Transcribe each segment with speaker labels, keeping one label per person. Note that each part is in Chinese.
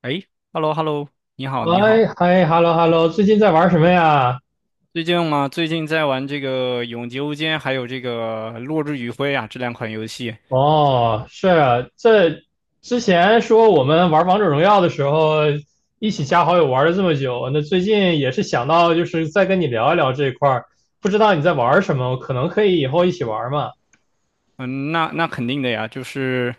Speaker 1: 哎，hello hello，你好你
Speaker 2: 哎，
Speaker 1: 好，
Speaker 2: 嗨，hello hello，最近在玩什么呀？
Speaker 1: 最近嘛，最近在玩这个《永劫无间》还有这个《落日余晖》啊，这两款游戏。
Speaker 2: 哦，是啊，这之前说我们玩王者荣耀的时候，一起加好友玩了这么久，那最近也是想到就是再跟你聊一聊这一块儿，不知道你在玩什么，可能可以以后一起玩嘛。
Speaker 1: 嗯，那肯定的呀，就是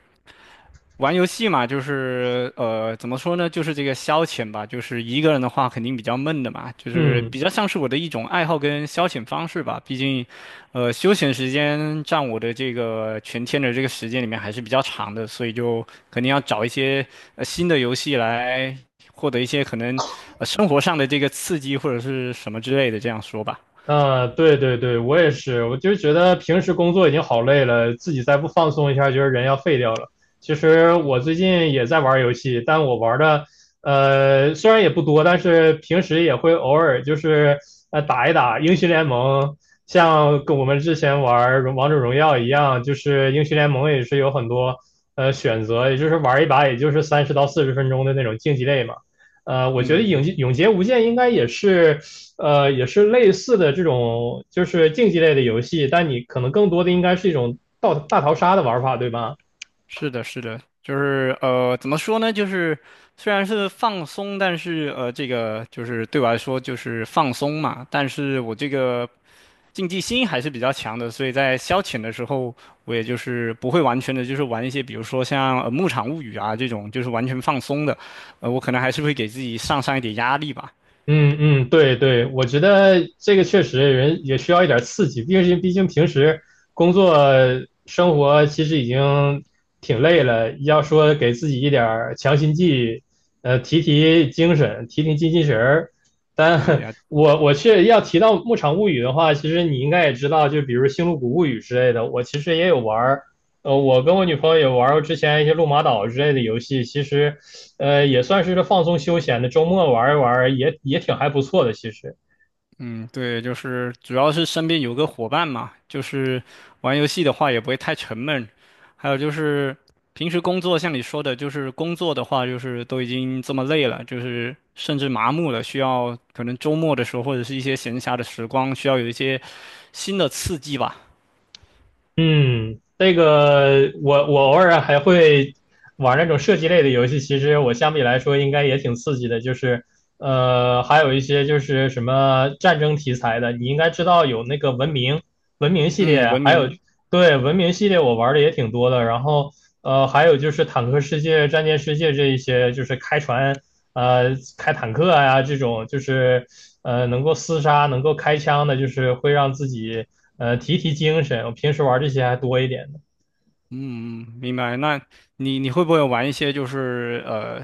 Speaker 1: 玩游戏嘛，怎么说呢，就是这个消遣吧，就是一个人的话肯定比较闷的嘛，就是
Speaker 2: 嗯。
Speaker 1: 比较像是我的一种爱好跟消遣方式吧。毕竟，休闲时间占我的这个全天的这个时间里面还是比较长的，所以就肯定要找一些新的游戏来获得一些可能生活上的这个刺激或者是什么之类的，这样说吧。
Speaker 2: 啊，对对对，我也是，我就觉得平时工作已经好累了，自己再不放松一下，觉得人要废掉了。其实我最近也在玩游戏，但我玩的虽然也不多，但是平时也会偶尔就是打一打英雄联盟，像跟我们之前玩荣王者荣耀一样，就是英雄联盟也是有很多选择，也就是玩一把也就是三十到四十分钟的那种竞技类嘛。我觉得
Speaker 1: 嗯。
Speaker 2: 《影永劫无间》应该也是也是类似的这种，就是竞技类的游戏，但你可能更多的应该是一种大大逃杀的玩法，对吧？
Speaker 1: 是的，是的，怎么说呢？就是虽然是放松，但是这个就是对我来说就是放松嘛。但是我这个竞技心还是比较强的，所以在消遣的时候，我也就是不会完全的，就是玩一些比如说像《牧场物语》啊这种，就是完全放松的。呃，我可能还是会给自己上一点压力吧。
Speaker 2: 嗯嗯，对对，我觉得这个确实人也需要一点刺激，毕竟毕竟平时工作生活其实已经挺累了，要说给自己一点儿强心剂，提提精神，提提精气神儿。
Speaker 1: 对的
Speaker 2: 但
Speaker 1: 呀，
Speaker 2: 我却要提到《牧场物语》的话，其实你应该也知道，就比如《星露谷物语》之类的，我其实也有玩儿，呃，我跟我女朋友也玩儿过之前一些《路马岛》之类的游戏，其实。呃，也算是放松休闲的，周末玩一玩也也挺还不错的。其实，
Speaker 1: 嗯，对，就是主要是身边有个伙伴嘛，就是玩游戏的话也不会太沉闷。还有就是平时工作，像你说的，就是工作的话，就是都已经这么累了，就是甚至麻木了，需要可能周末的时候或者是一些闲暇的时光，需要有一些新的刺激吧。
Speaker 2: 嗯，这个我偶尔还会玩那种射击类的游戏，其实我相比来说应该也挺刺激的。就是还有一些就是什么战争题材的，你应该知道有那个文明文明系
Speaker 1: 嗯，
Speaker 2: 列，
Speaker 1: 文
Speaker 2: 还有
Speaker 1: 明。
Speaker 2: 对，文明系列我玩的也挺多的，然后还有就是坦克世界、战舰世界这一些，就是开船、呃开坦克呀、这种，就是能够厮杀、能够开枪的，就是会让自己提提精神。我平时玩这些还多一点。
Speaker 1: 嗯，嗯明白。那你会不会玩一些就是呃，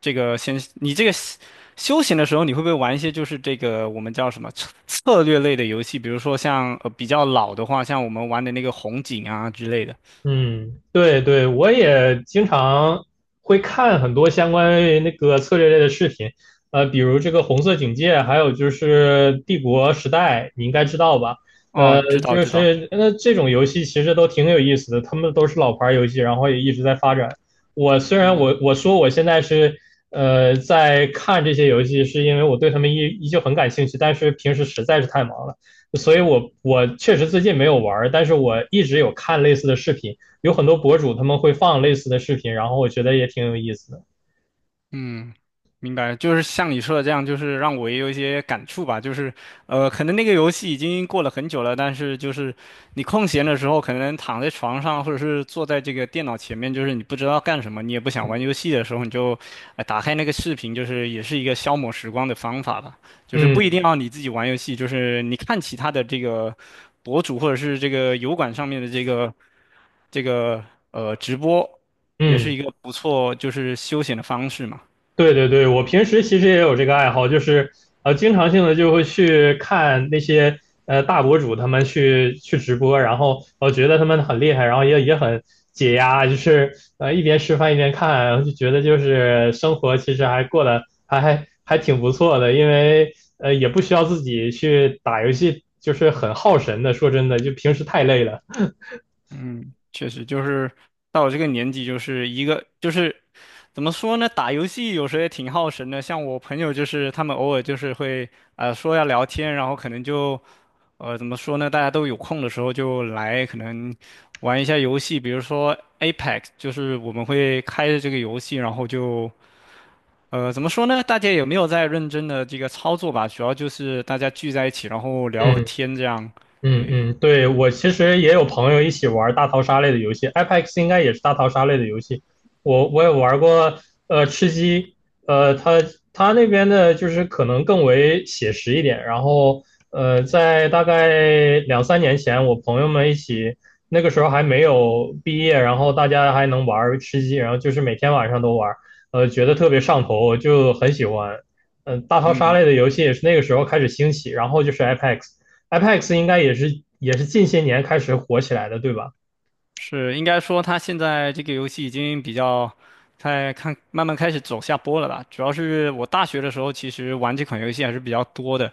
Speaker 1: 这个先你这个休休闲的时候，你会不会玩一些就是这个我们叫什么策策略类的游戏？比如说像比较老的话，像我们玩的那个红警啊之类的。
Speaker 2: 嗯，对对，我也经常会看很多相关于那个策略类的视频，比如这个《红色警戒》，还有就是《帝国时代》，你应该知道吧？呃，
Speaker 1: 哦，知道
Speaker 2: 就
Speaker 1: 知道。
Speaker 2: 是那这种游戏其实都挺有意思的，他们都是老牌游戏，然后也一直在发展。我虽然我说我现在是在看这些游戏，是因为我对他们依依旧很感兴趣，但是平时实在是太忙了。所以我确实最近没有玩儿，但是我一直有看类似的视频，有很多博主他们会放类似的视频，然后我觉得也挺有意思的。
Speaker 1: 嗯，明白，就是像你说的这样，就是让我也有一些感触吧。就是，呃，可能那个游戏已经过了很久了，但是就是你空闲的时候，可能躺在床上或者是坐在这个电脑前面，就是你不知道干什么，你也不想玩游戏的时候，你就，呃，打开那个视频，就是也是一个消磨时光的方法吧。就是不一
Speaker 2: 嗯
Speaker 1: 定要你自己玩游戏，就是你看其他的这个博主或者是这个油管上面的这个。这个直播也是
Speaker 2: 嗯，
Speaker 1: 一个不错，就是休闲的方式嘛。
Speaker 2: 对对对，我平时其实也有这个爱好，就是经常性的就会去看那些大博主他们去直播，然后我觉得他们很厉害，然后也也很解压，就是一边吃饭一边看，然后就觉得就是生活其实还过得还还还挺不错的，因为也不需要自己去打游戏，就是很耗神的。说真的，就平时太累了。
Speaker 1: 嗯，确实就是到我这个年纪，就是一个就是怎么说呢？打游戏有时候也挺耗神的。像我朋友就是他们偶尔就是会说要聊天，然后可能就怎么说呢？大家都有空的时候就来可能玩一下游戏，比如说 Apex，就是我们会开着这个游戏，然后就怎么说呢？大家也没有在认真的这个操作吧，主要就是大家聚在一起，然后聊会
Speaker 2: 嗯。
Speaker 1: 天这样。
Speaker 2: 嗯
Speaker 1: 对。
Speaker 2: 嗯，对，我其实也有朋友一起玩大逃杀类的游戏，Apex 应该也是大逃杀类的游戏。我也玩过，呃，吃鸡，呃，它它那边的就是可能更为写实一点。然后，呃，在大概两三年前，我朋友们一起，那个时候还没有毕业，然后大家还能玩吃鸡，然后就是每天晚上都玩，觉得特别上头，就很喜欢。嗯、大逃杀类的游戏也是那个时候开始兴起，然后就是 Apex。，Apex 应该也是也是近些年开始火起来的，对吧？
Speaker 1: 是，应该说它现在这个游戏已经比较在看，慢慢开始走下坡了吧。主要是我大学的时候，其实玩这款游戏还是比较多的。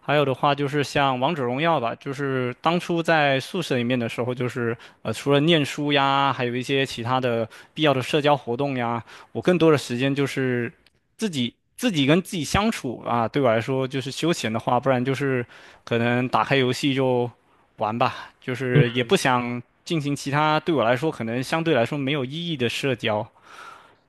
Speaker 1: 还有的话就是像王者荣耀吧，就是当初在宿舍里面的时候，就是呃，除了念书呀，还有一些其他的必要的社交活动呀，我更多的时间就是自己跟自己相处啊。对我来说，就是休闲的话，不然就是可能打开游戏就。玩吧，就
Speaker 2: 嗯
Speaker 1: 是也不想进行其他对我来说可能相对来说没有意义的社交。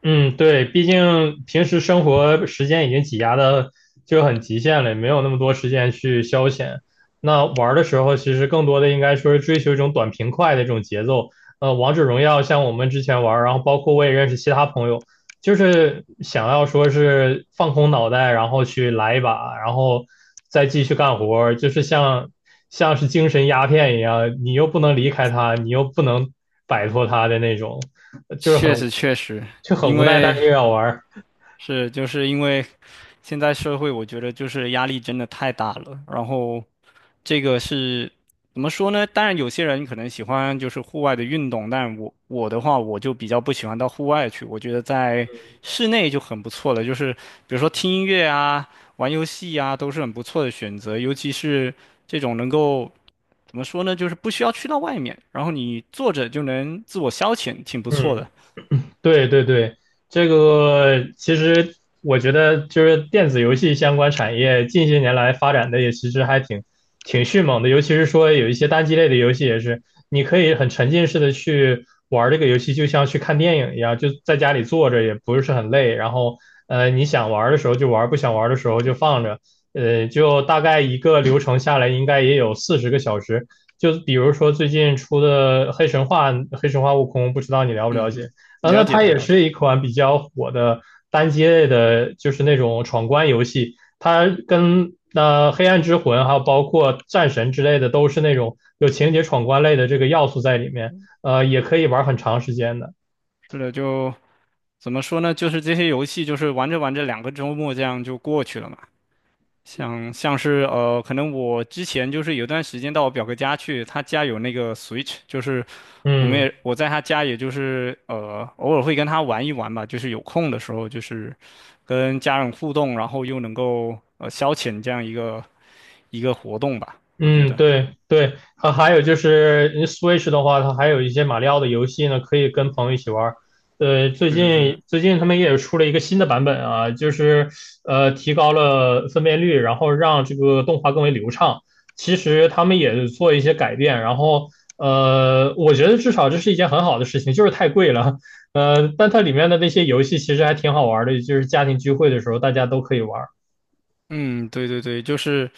Speaker 2: 嗯，对，毕竟平时生活时间已经挤压的就很极限了，也没有那么多时间去消遣。那玩儿的时候，其实更多的应该说是追求一种短平快的这种节奏。王者荣耀像我们之前玩儿，然后包括我也认识其他朋友，就是想要说是放空脑袋，然后去来一把，然后再继续干活儿，就是像像是精神鸦片一样，你又不能离开它，你又不能摆脱它的那种，就是很
Speaker 1: 确实确实，
Speaker 2: 就很
Speaker 1: 因
Speaker 2: 无奈，但
Speaker 1: 为
Speaker 2: 是又要玩儿。
Speaker 1: 是就是因为现在社会，我觉得就是压力真的太大了，然后这个是怎么说呢？当然，有些人可能喜欢就是户外的运动，但我的话，我就比较不喜欢到户外去。我觉得在室内就很不错了，就是比如说听音乐啊、玩游戏啊，都是很不错的选择。尤其是这种能够怎么说呢，就是不需要去到外面，然后你坐着就能自我消遣，挺不错的。
Speaker 2: 嗯，对对对，这个其实我觉得就是电子游戏相关产业近些年来发展的也其实还挺挺迅猛的，尤其是说有一些单机类的游戏也是，你可以很沉浸式的去玩这个游戏，就像去看电影一样，就在家里坐着也不是很累，然后你想玩的时候就玩，不想玩的时候就放着，就大概一个流程下来应该也有四十个小时，就比如说最近出的《黑神话》《黑神话：悟空》，不知道你了不了
Speaker 1: 嗯
Speaker 2: 解？
Speaker 1: 嗯，
Speaker 2: 啊，那
Speaker 1: 了解
Speaker 2: 它
Speaker 1: 的
Speaker 2: 也
Speaker 1: 了解，
Speaker 2: 是一款比较火的单机类的，就是那种闯关游戏。它跟那、黑暗之魂》还有包括战神之类的，都是那种有情节闯关类的这个要素在里面，也可以玩很长时间的。
Speaker 1: 是的，就怎么说呢？就是这些游戏，就是玩着玩着，两个周末这样就过去了嘛。像是，可能我之前就是有段时间到我表哥家去，他家有那个 Switch，就是
Speaker 2: 嗯。
Speaker 1: 我在他家，也就是偶尔会跟他玩一玩吧，就是有空的时候，就是跟家人互动，然后又能够消遣这样一个活动吧，我觉
Speaker 2: 嗯，
Speaker 1: 得。
Speaker 2: 对对，它还有就是嗯 Switch 的话，它还有一些马里奥的游戏呢，可以跟朋友一起玩儿。最
Speaker 1: 是是是，
Speaker 2: 近最近他们也出了一个新的版本啊，就是提高了分辨率，然后让这个动画更为流畅。其实他们也做一些改变，然后我觉得至少这是一件很好的事情，就是太贵了。但它里面的那些游戏其实还挺好玩儿的，就是家庭聚会的时候大家都可以玩。
Speaker 1: 嗯，对对对，就是。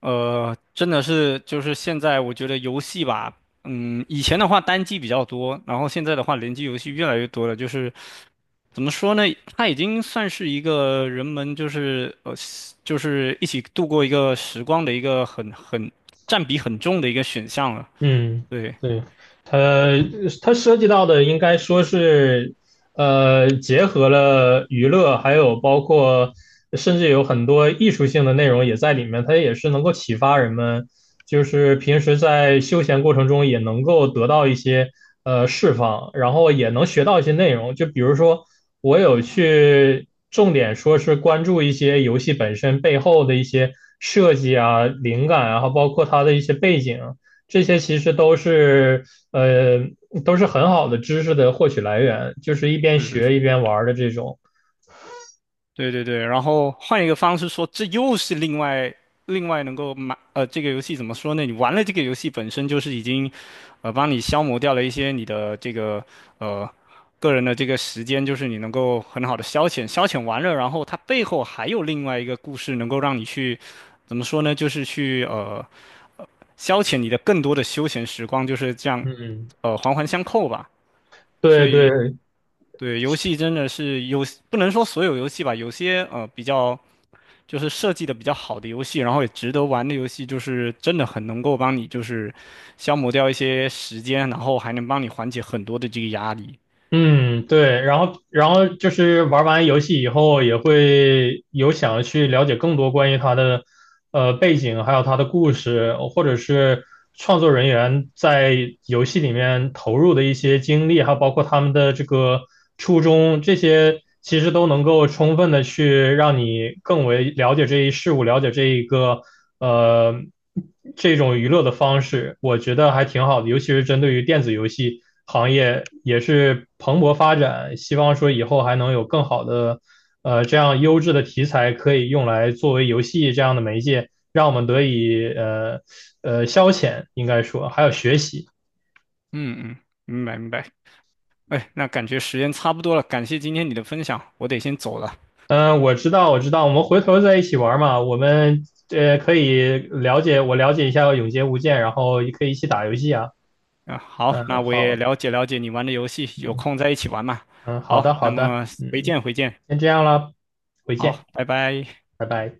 Speaker 1: 呃，真的是就是现在，我觉得游戏吧，嗯，以前的话单机比较多，然后现在的话联机游戏越来越多了。就是怎么说呢，它已经算是一个人们就是一起度过一个时光的一个很占比很重的一个选项了。
Speaker 2: 嗯，
Speaker 1: 对，
Speaker 2: 对，它它涉及到的应该说是，结合了娱乐，还有包括甚至有很多艺术性的内容也在里面，它也是能够启发人们，就是平时在休闲过程中也能够得到一些释放，然后也能学到一些内容。就比如说，我有去重点说是关注一些游戏本身背后的一些设计啊、灵感啊，然后包括它的一些背景。这些其实都是呃都是很好的知识的获取来源，就是一边
Speaker 1: 是是是。
Speaker 2: 学一边玩的这种。
Speaker 1: 对对对，然后换一个方式说，这又是另外能够买呃，这个游戏怎么说呢？你玩了这个游戏本身就是已经，呃，帮你消磨掉了一些你的这个呃个人的这个时间，就是你能够很好的消遣完了，然后它背后还有另外一个故事能够让你去怎么说呢？就是去消遣你的更多的休闲时光，就是这样
Speaker 2: 嗯，
Speaker 1: 环环相扣吧。所
Speaker 2: 对对，
Speaker 1: 以对游戏真的是有不能说所有游戏吧，有些比较。就是设计的比较好的游戏，然后也值得玩的游戏，就是真的很能够帮你就是消磨掉一些时间，然后还能帮你缓解很多的这个压力。
Speaker 2: 嗯，对，然后然后就是玩完游戏以后，也会有想要去了解更多关于他的背景，还有他的故事，或者是创作人员在游戏里面投入的一些经历，还有包括他们的这个初衷，这些其实都能够充分的去让你更为了解这一事物，了解这一个呃。这种娱乐的方式，我觉得还挺好的，尤其是针对于电子游戏行业，也是蓬勃发展。希望说以后还能有更好的，这样优质的题材可以用来作为游戏这样的媒介，让我们得以消遣，应该说还有学习。
Speaker 1: 嗯嗯，明白明白。哎，那感觉时间差不多了，感谢今天你的分享，我得先走了。
Speaker 2: 嗯，我知道，我知道，我们回头在一起玩嘛，我们可以了解，我了解一下《永劫无间》，然后也可以一起打游戏啊。
Speaker 1: 啊，好，
Speaker 2: 嗯，
Speaker 1: 那我也
Speaker 2: 好，
Speaker 1: 了解了解你玩的游戏，有
Speaker 2: 嗯
Speaker 1: 空再一起玩嘛。
Speaker 2: 嗯，好
Speaker 1: 好，
Speaker 2: 的，好
Speaker 1: 那
Speaker 2: 的，
Speaker 1: 么回
Speaker 2: 嗯，
Speaker 1: 见回见，
Speaker 2: 先这样了，回见，
Speaker 1: 好，拜拜。
Speaker 2: 拜拜。